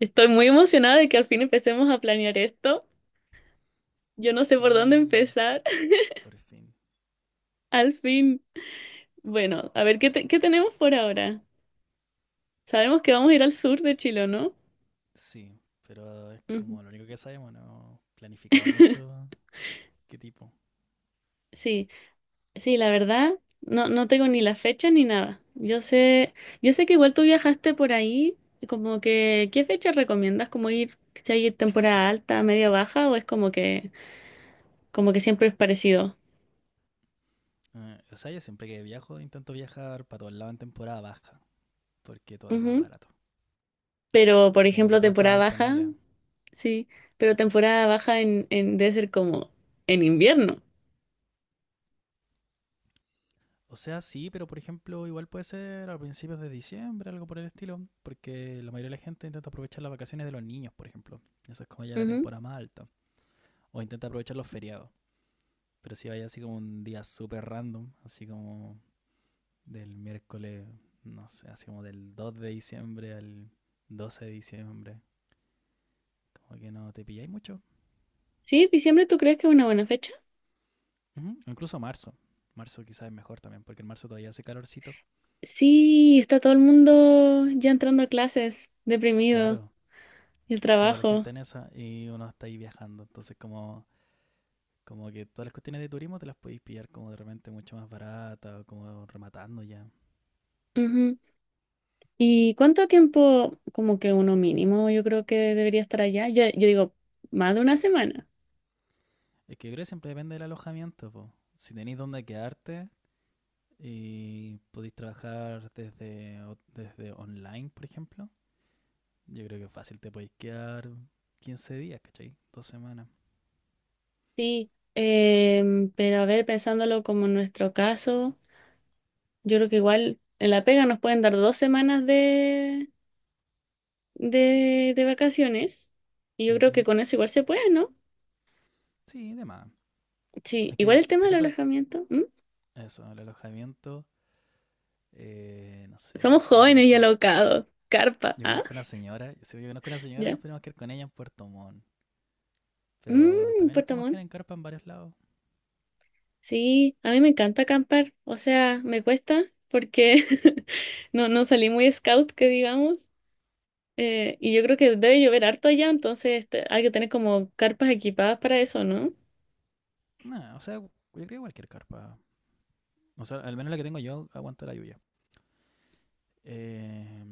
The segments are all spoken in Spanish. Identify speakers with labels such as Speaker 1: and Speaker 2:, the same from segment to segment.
Speaker 1: Estoy muy emocionada de que al fin empecemos a planear esto. Yo no sé por dónde
Speaker 2: Sí,
Speaker 1: empezar.
Speaker 2: por fin.
Speaker 1: Al fin, bueno, a ver, ¿qué, qué tenemos por ahora? Sabemos que vamos a ir al sur de Chile, ¿no?
Speaker 2: Sí, pero es
Speaker 1: Ujú.
Speaker 2: como lo único que sabemos, no he planificado mucho qué tipo.
Speaker 1: Sí, sí, la verdad, no, no tengo ni la fecha ni nada. Yo sé que igual tú viajaste por ahí, como que, ¿qué fecha recomiendas? ¿Como ir, si hay temporada alta, media baja, o es como que siempre es parecido?
Speaker 2: O sea, yo siempre que viajo intento viajar para todos lados en temporada baja, porque todo es más
Speaker 1: Ujú.
Speaker 2: barato.
Speaker 1: Pero, por
Speaker 2: Y como
Speaker 1: ejemplo,
Speaker 2: que todo está más
Speaker 1: temporada baja.
Speaker 2: disponible.
Speaker 1: Sí, pero temporada baja debe ser como en invierno.
Speaker 2: O sea, sí, pero por ejemplo, igual puede ser a principios de diciembre, algo por el estilo, porque la mayoría de la gente intenta aprovechar las vacaciones de los niños, por ejemplo. Eso es como ya la
Speaker 1: Ujú.
Speaker 2: temporada más alta. O intenta aprovechar los feriados. Pero si vaya así como un día súper random, así como del miércoles, no sé, así como del 2 de diciembre al 12 de diciembre. Como que no te pilláis mucho.
Speaker 1: Sí, diciembre, ¿tú crees que es una buena fecha?
Speaker 2: Ujú, o incluso marzo. Marzo quizás es mejor también, porque en marzo todavía hace calorcito.
Speaker 1: Sí, está todo el mundo ya entrando a clases, deprimido,
Speaker 2: Claro,
Speaker 1: y el
Speaker 2: está toda la
Speaker 1: trabajo.
Speaker 2: gente en esa y uno está ahí viajando. Entonces como que todas las cuestiones de turismo te las podéis pillar como de repente mucho más barata o como rematando ya.
Speaker 1: Ujú. ¿Y cuánto tiempo, como que uno mínimo, yo creo que debería estar allá? Yo digo, más de una semana.
Speaker 2: Es que yo creo que siempre depende del alojamiento, po. Si tenéis dónde quedarte y podéis trabajar desde online, por ejemplo. Yo creo que fácil te podéis quedar 15 días, ¿cachai? 2 semanas.
Speaker 1: Sí, pero a ver, pensándolo como en nuestro caso, yo creo que igual en la pega nos pueden dar dos semanas de vacaciones. Y yo creo que
Speaker 2: Ujú.
Speaker 1: con eso igual se puede, ¿no?
Speaker 2: Sí, de más.
Speaker 1: Sí,
Speaker 2: Es
Speaker 1: igual
Speaker 2: que,
Speaker 1: el
Speaker 2: si-
Speaker 1: tema
Speaker 2: Por
Speaker 1: del
Speaker 2: ejemplo,
Speaker 1: alojamiento. ¿M?
Speaker 2: eso, el alojamiento, no sé,
Speaker 1: Somos jóvenes y alocados. Carpa,
Speaker 2: yo
Speaker 1: ¿ah?
Speaker 2: conozco una señora, si yo conozco una señora
Speaker 1: Ya.
Speaker 2: nos podemos quedar con ella en Puerto Montt, pero
Speaker 1: Mmm,
Speaker 2: también nos
Speaker 1: Puerto
Speaker 2: podemos quedar
Speaker 1: Montt.
Speaker 2: en carpa en varios lados.
Speaker 1: Sí, a mí me encanta acampar. O sea, me cuesta porque no, no salí muy scout, que digamos. Y yo creo que debe llover harto allá, entonces este, hay que tener como carpas equipadas para eso, ¿no?
Speaker 2: No, o sea, yo creo que cualquier carpa, o sea, al menos la que tengo yo aguanta la lluvia. Eh,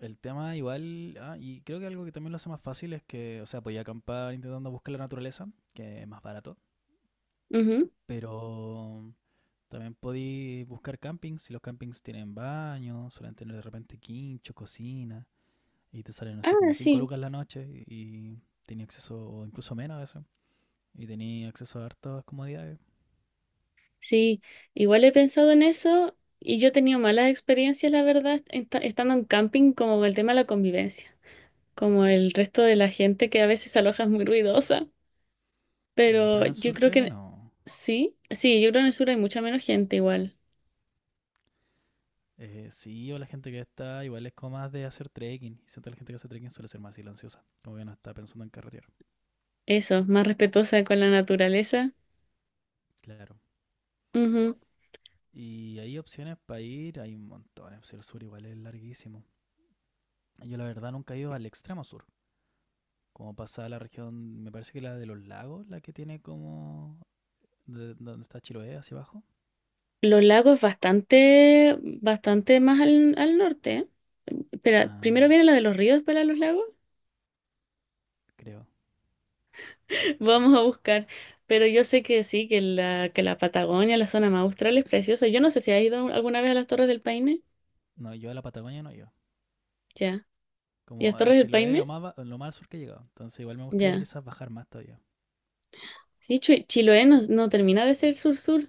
Speaker 2: el tema igual, y creo que algo que también lo hace más fácil es que, o sea, podía acampar intentando buscar la naturaleza, que es más barato.
Speaker 1: Ujú.
Speaker 2: Pero también podéis buscar campings. Si los campings tienen baño, suelen tener de repente quincho, cocina. Y te salen, no sé, como
Speaker 1: Ah,
Speaker 2: 5
Speaker 1: sí.
Speaker 2: lucas la noche. Y tenía acceso, o incluso menos a eso. Y tenía acceso a hartas comodidades.
Speaker 1: Sí, igual he pensado en eso y yo he tenido malas experiencias, la verdad, en estando en camping como con el tema de la convivencia, como el resto de la gente que a veces se aloja es muy ruidosa,
Speaker 2: Ah, pero
Speaker 1: pero
Speaker 2: en el
Speaker 1: yo
Speaker 2: sur
Speaker 1: creo
Speaker 2: creo que
Speaker 1: que
Speaker 2: no.
Speaker 1: sí, sí, yo creo que en el sur hay mucha menos gente igual,
Speaker 2: Sí, o la gente que está igual es como más de hacer trekking. Y siento que la gente que hace trekking suele ser más silenciosa. Como que no está pensando en carretear.
Speaker 1: eso, más respetuosa con la naturaleza.
Speaker 2: Claro.
Speaker 1: Ujú.
Speaker 2: Y hay opciones para ir, hay un montón. El sur igual es larguísimo. Yo la verdad nunca he ido al extremo sur. Como pasada la región, me parece que la de los lagos, la que tiene como donde está Chiloé hacia abajo.
Speaker 1: Los lagos bastante, bastante más al, al norte, ¿eh? Espera, primero
Speaker 2: Ah,
Speaker 1: viene la de los ríos, para los lagos.
Speaker 2: creo.
Speaker 1: Vamos a buscar. Pero yo sé que sí, que que la Patagonia, la zona más austral es preciosa. Yo no sé si has ido alguna vez a las Torres del Paine.
Speaker 2: No, yo a la Patagonia no yo.
Speaker 1: Ya. ¿Y las
Speaker 2: Como a
Speaker 1: Torres del
Speaker 2: Chiloé lo
Speaker 1: Paine?
Speaker 2: más lo más al sur que he llegado. Entonces igual me gustaría
Speaker 1: Ya.
Speaker 2: quizás bajar más todavía.
Speaker 1: Sí, Chiloé no, no termina de ser sur-sur.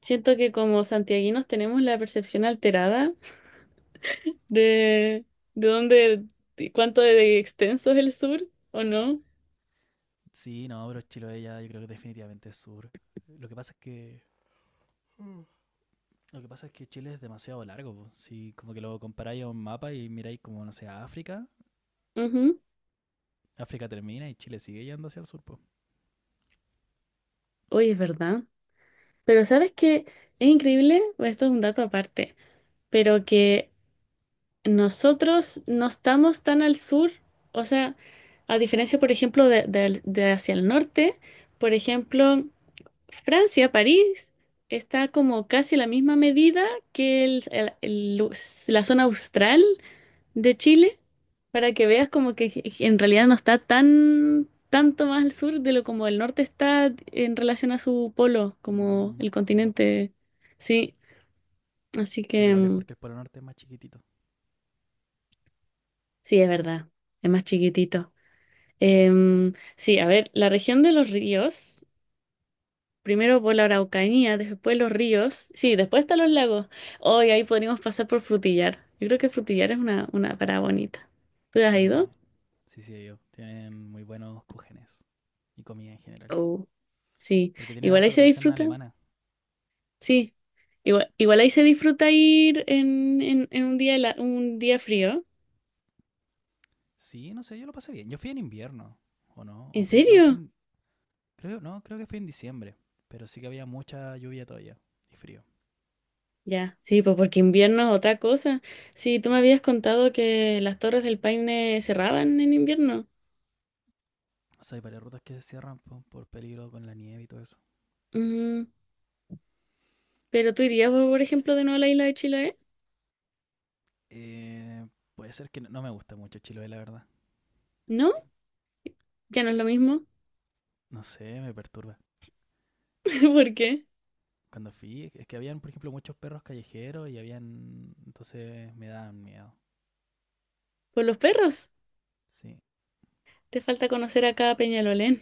Speaker 1: Siento que como santiaguinos tenemos la percepción alterada de, de dónde, de cuánto de extenso es el sur, ¿o no?
Speaker 2: Sí, no, pero Chiloé ya yo creo que definitivamente es sur. Lo que pasa es que lo que pasa es que Chile es demasiado largo, po. Si como que lo comparáis a un mapa y miráis como no sé, a África,
Speaker 1: Ujú.
Speaker 2: África termina y Chile sigue yendo hacia el sur, pues.
Speaker 1: Oye, es verdad. Pero ¿sabes qué? Es increíble, esto es un dato aparte, pero que nosotros no estamos tan al sur, o sea, a diferencia, por ejemplo, de hacia el norte, por ejemplo, Francia, París, está como casi a la misma medida que la zona austral de Chile, para que veas como que en realidad no está tan tanto más al sur de lo como el norte está en relación a su polo, como el
Speaker 2: Qué loco.
Speaker 1: continente. Sí, así
Speaker 2: Sí, pero
Speaker 1: que
Speaker 2: igual es porque el Polo Norte es más chiquitito.
Speaker 1: sí, es verdad, es más chiquitito. Sí, a ver, la región de los ríos, primero por la Araucanía, después los ríos, sí, después están los lagos. Hoy ahí podríamos pasar por Frutillar. Yo creo que Frutillar es una parada bonita. ¿Tú has ido?
Speaker 2: Sí, sí, sí, ellos tienen muy buenos cúgenes y comida en general.
Speaker 1: Oh. Sí,
Speaker 2: Porque tienen
Speaker 1: igual
Speaker 2: harta
Speaker 1: ahí se
Speaker 2: tradición
Speaker 1: disfruta.
Speaker 2: alemana.
Speaker 1: Sí, igual, igual ahí se disfruta ir en un día, un día frío.
Speaker 2: Sí, no sé, yo lo pasé bien. Yo fui en invierno, ¿o no? O
Speaker 1: ¿En
Speaker 2: fui, no, fui
Speaker 1: serio?
Speaker 2: en, creo, no, creo que fui en diciembre. Pero sí que había mucha lluvia todavía y frío.
Speaker 1: Ya, sí, pues porque invierno es otra cosa. Sí, tú me habías contado que las Torres del Paine cerraban en invierno.
Speaker 2: O sea, hay varias rutas que se cierran por, peligro con la nieve y todo eso.
Speaker 1: Mm, pero tú irías, por ejemplo, de nuevo a la isla de Chiloé.
Speaker 2: Eh, Puede ser que no, no me gusta mucho Chiloé, la verdad.
Speaker 1: ¿No? Ya no es lo mismo.
Speaker 2: No sé, me perturba.
Speaker 1: ¿Por qué?
Speaker 2: Cuando fui, es que habían, por ejemplo, muchos perros callejeros y habían. Entonces me daban miedo.
Speaker 1: Por los perros.
Speaker 2: Sí,
Speaker 1: Te falta conocer acá a Peñalolén.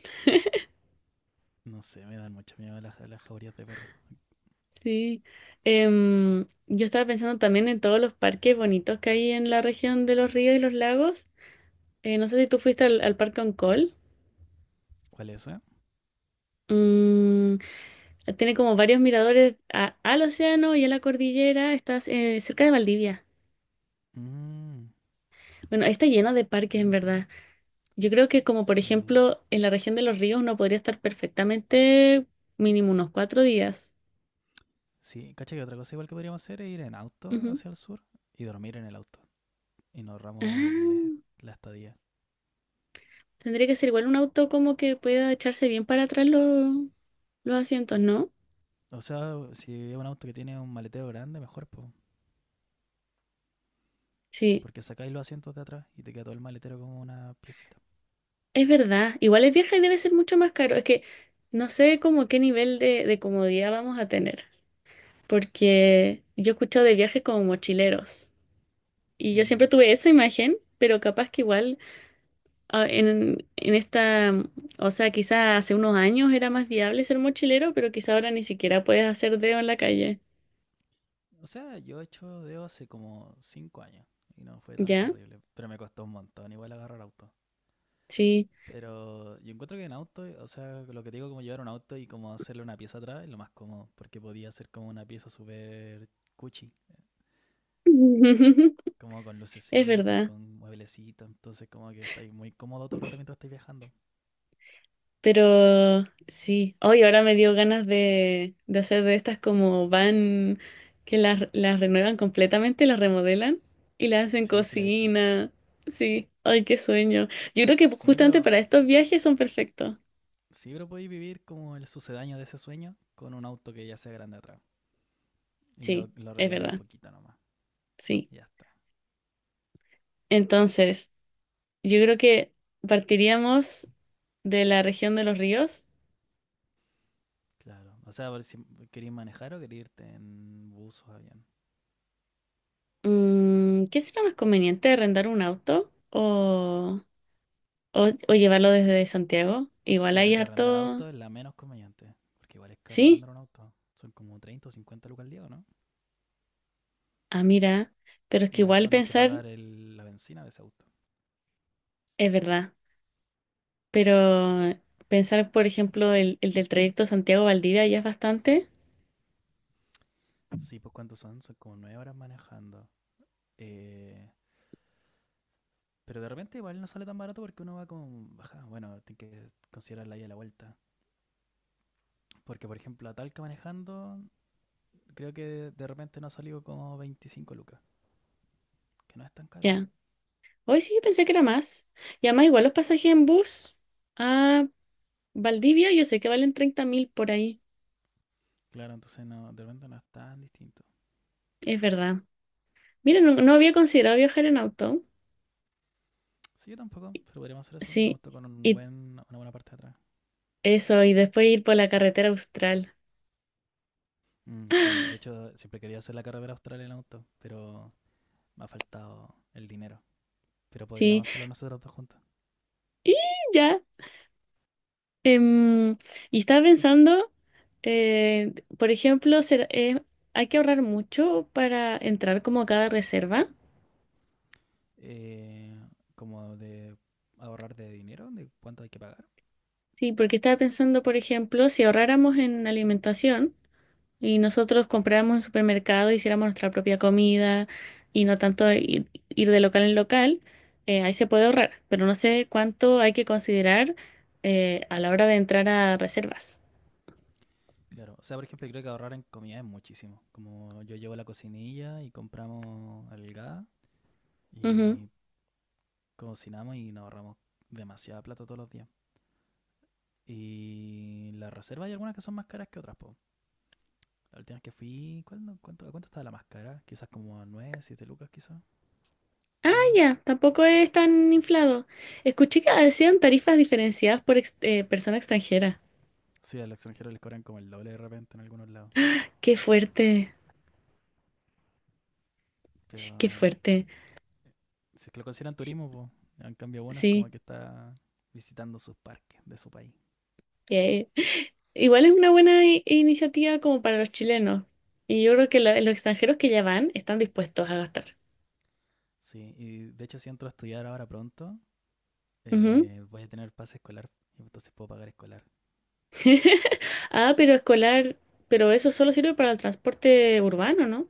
Speaker 2: no sé, me dan mucho miedo las jaurías de perros.
Speaker 1: Sí. Yo estaba pensando también en todos los parques bonitos que hay en la región de los ríos y los lagos. No sé si tú fuiste al Parque Oncol.
Speaker 2: ¿Cuál es esa?
Speaker 1: Mm, tiene como varios miradores al océano y a la cordillera. Estás cerca de Valdivia.
Speaker 2: Mmm,
Speaker 1: Bueno, ahí está lleno de parques
Speaker 2: Creo que
Speaker 1: en
Speaker 2: no
Speaker 1: verdad.
Speaker 2: fui.
Speaker 1: Yo creo que como por
Speaker 2: Sí.
Speaker 1: ejemplo en la región de los ríos uno podría estar perfectamente mínimo unos cuatro días.
Speaker 2: Sí, cacha que otra cosa igual que podríamos hacer es ir en auto
Speaker 1: Ujú.
Speaker 2: hacia el sur y dormir en el auto. Y nos ahorramos el,
Speaker 1: Ah,
Speaker 2: la estadía.
Speaker 1: tendría que ser igual un auto como que pueda echarse bien para atrás los asientos, ¿no?
Speaker 2: O sea, si es un auto que tiene un maletero grande, mejor, po,
Speaker 1: Sí,
Speaker 2: porque sacáis los asientos de atrás y te queda todo el maletero como una piecita.
Speaker 1: es verdad. Igual es vieja y debe ser mucho más caro. Es que no sé como qué nivel de comodidad vamos a tener. Porque yo he escuchado de viajes como mochileros. Y yo siempre
Speaker 2: Mm.
Speaker 1: tuve esa imagen, pero capaz que igual en esta, o sea, quizás hace unos años era más viable ser mochilero, pero quizá ahora ni siquiera puedes hacer dedo en la calle.
Speaker 2: O sea, yo he hecho deo hace como 5 años y no fue tan
Speaker 1: ¿Ya?
Speaker 2: terrible, pero me costó un montón igual agarrar auto.
Speaker 1: Sí.
Speaker 2: Pero yo encuentro que en auto, o sea, lo que te digo, como llevar un auto y como hacerle una pieza atrás es lo más cómodo, porque podía hacer como una pieza súper cuchi, como con
Speaker 1: Es
Speaker 2: lucecita y
Speaker 1: verdad.
Speaker 2: con mueblecita, entonces como que estáis muy cómodo todo el rato mientras estáis viajando.
Speaker 1: Pero sí. Hoy ahora me dio ganas de hacer de estas como van, que las renuevan completamente, las remodelan y las hacen
Speaker 2: Sí, se la he visto.
Speaker 1: cocina. Sí. Ay, qué sueño. Yo creo que
Speaker 2: Sí,
Speaker 1: justamente
Speaker 2: pero
Speaker 1: para estos viajes son perfectos.
Speaker 2: sí, pero podéis vivir como el sucedaño de ese sueño con un auto que ya sea grande atrás y lo,
Speaker 1: Sí,
Speaker 2: lo
Speaker 1: es
Speaker 2: arregláis un
Speaker 1: verdad.
Speaker 2: poquito nomás,
Speaker 1: Sí.
Speaker 2: ya está.
Speaker 1: Entonces. Yo creo que partiríamos de la región de los ríos.
Speaker 2: Claro, o sea, a si queréis manejar o queréis irte en bus o avión.
Speaker 1: Mm, ¿qué será más conveniente, rentar un auto o llevarlo desde Santiago? Igual
Speaker 2: Yo
Speaker 1: hay
Speaker 2: creo que arrendar
Speaker 1: harto...
Speaker 2: auto es la menos conveniente, porque igual es caro
Speaker 1: Sí,
Speaker 2: arrendar un auto. Son como 30 o 50 lucas al día, ¿no?
Speaker 1: ah, mira, pero es
Speaker 2: Y
Speaker 1: que
Speaker 2: más
Speaker 1: igual
Speaker 2: encima tenés que
Speaker 1: pensar
Speaker 2: pagar la bencina de ese auto.
Speaker 1: es verdad, pero pensar, por ejemplo, el del trayecto Santiago-Valdivia ya es bastante,
Speaker 2: Sí, pues, ¿cuántos son? Son como 9 horas manejando. Eh, pero de repente igual no sale tan barato porque uno va con baja. Bueno, tienes que considerar la ida y la vuelta. Porque, por ejemplo, a Talca manejando, creo que de repente no ha salido como 25 lucas, que no es tan caro.
Speaker 1: ya. Hoy sí, pensé que era más. Y además igual los pasajes en bus a Valdivia, yo sé que valen 30.000 por ahí,
Speaker 2: Claro, entonces no, de repente no es tan distinto.
Speaker 1: es verdad. Mira, no, no había considerado viajar en auto.
Speaker 2: Sí, yo tampoco, pero podríamos hacer eso, un
Speaker 1: Sí,
Speaker 2: auto con un
Speaker 1: y
Speaker 2: buen, una buena parte de atrás.
Speaker 1: eso, y después ir por la carretera austral.
Speaker 2: Mm, sí, de hecho siempre quería hacer la carrera austral en auto, pero me ha faltado el dinero. Pero
Speaker 1: Sí,
Speaker 2: podríamos hacerlo nosotros dos juntos.
Speaker 1: y ya. em, y estaba pensando, por ejemplo, hay que ahorrar mucho para entrar como a cada reserva.
Speaker 2: Eh, Como de ahorrar de dinero, de cuánto hay que pagar.
Speaker 1: Sí, porque estaba pensando, por ejemplo, si ahorráramos en alimentación. Y nosotros compráramos en supermercado, hiciéramos nuestra propia comida y no tanto ir, ir de local en local, ahí se puede ahorrar, pero no sé cuánto hay que considerar a la hora de entrar a reservas.
Speaker 2: Claro, o sea, por ejemplo, creo que ahorrar en comida es muchísimo. Como yo llevo la cocinilla y compramos el gas
Speaker 1: Ujú.
Speaker 2: y cocinamos y nos ahorramos demasiada plata todos los días. Y las reservas hay algunas que son más caras que otras, po. La última vez que fui, ¿cuál no- cuánto, a ¿cuánto estaba la más cara? Quizás como a 9, 7 lucas, quizás,
Speaker 1: Ah,
Speaker 2: cada uno.
Speaker 1: ya, tampoco es tan inflado. Escuché que decían tarifas diferenciadas por persona extranjera.
Speaker 2: Sí, a los extranjeros les cobran como el doble de repente en algunos lados.
Speaker 1: Qué fuerte,
Speaker 2: Pero
Speaker 1: sí, qué fuerte.
Speaker 2: si es que lo consideran
Speaker 1: Sí,
Speaker 2: turismo, pues, en cambio bueno, es como
Speaker 1: sí,
Speaker 2: que está visitando sus parques de su país.
Speaker 1: qué. Igual es una buena iniciativa como para los chilenos. Y yo creo que los extranjeros que ya van están dispuestos a gastar.
Speaker 2: Sí, y de hecho si entro a estudiar ahora pronto,
Speaker 1: Ujú.
Speaker 2: voy a tener pase escolar y entonces puedo pagar escolar.
Speaker 1: Ah, pero escolar, pero eso solo sirve para el transporte urbano, ¿no?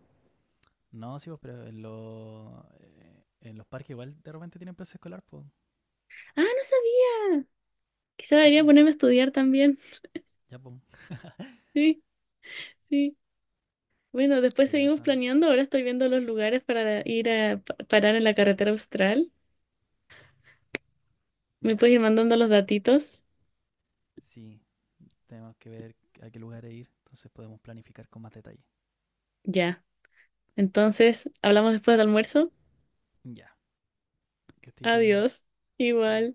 Speaker 2: No, sí, pues, pero en los parques igual de repente tienen pase escolar, pues.
Speaker 1: Ah, no sabía. Quizá
Speaker 2: Sí,
Speaker 1: debería
Speaker 2: pues,
Speaker 1: ponerme a estudiar también.
Speaker 2: ya, pues.
Speaker 1: Sí, sí. Bueno, después
Speaker 2: Pero
Speaker 1: seguimos
Speaker 2: esa,
Speaker 1: planeando. Ahora estoy viendo los lugares para ir a parar en la carretera austral. ¿Me
Speaker 2: ya,
Speaker 1: puedes ir mandando los datitos?
Speaker 2: sí, tenemos que ver a qué lugar ir, entonces podemos planificar con más detalle.
Speaker 1: Ya. Entonces, hablamos después del almuerzo.
Speaker 2: Ya, que estés bien.
Speaker 1: Adiós.
Speaker 2: Chau.
Speaker 1: Igual.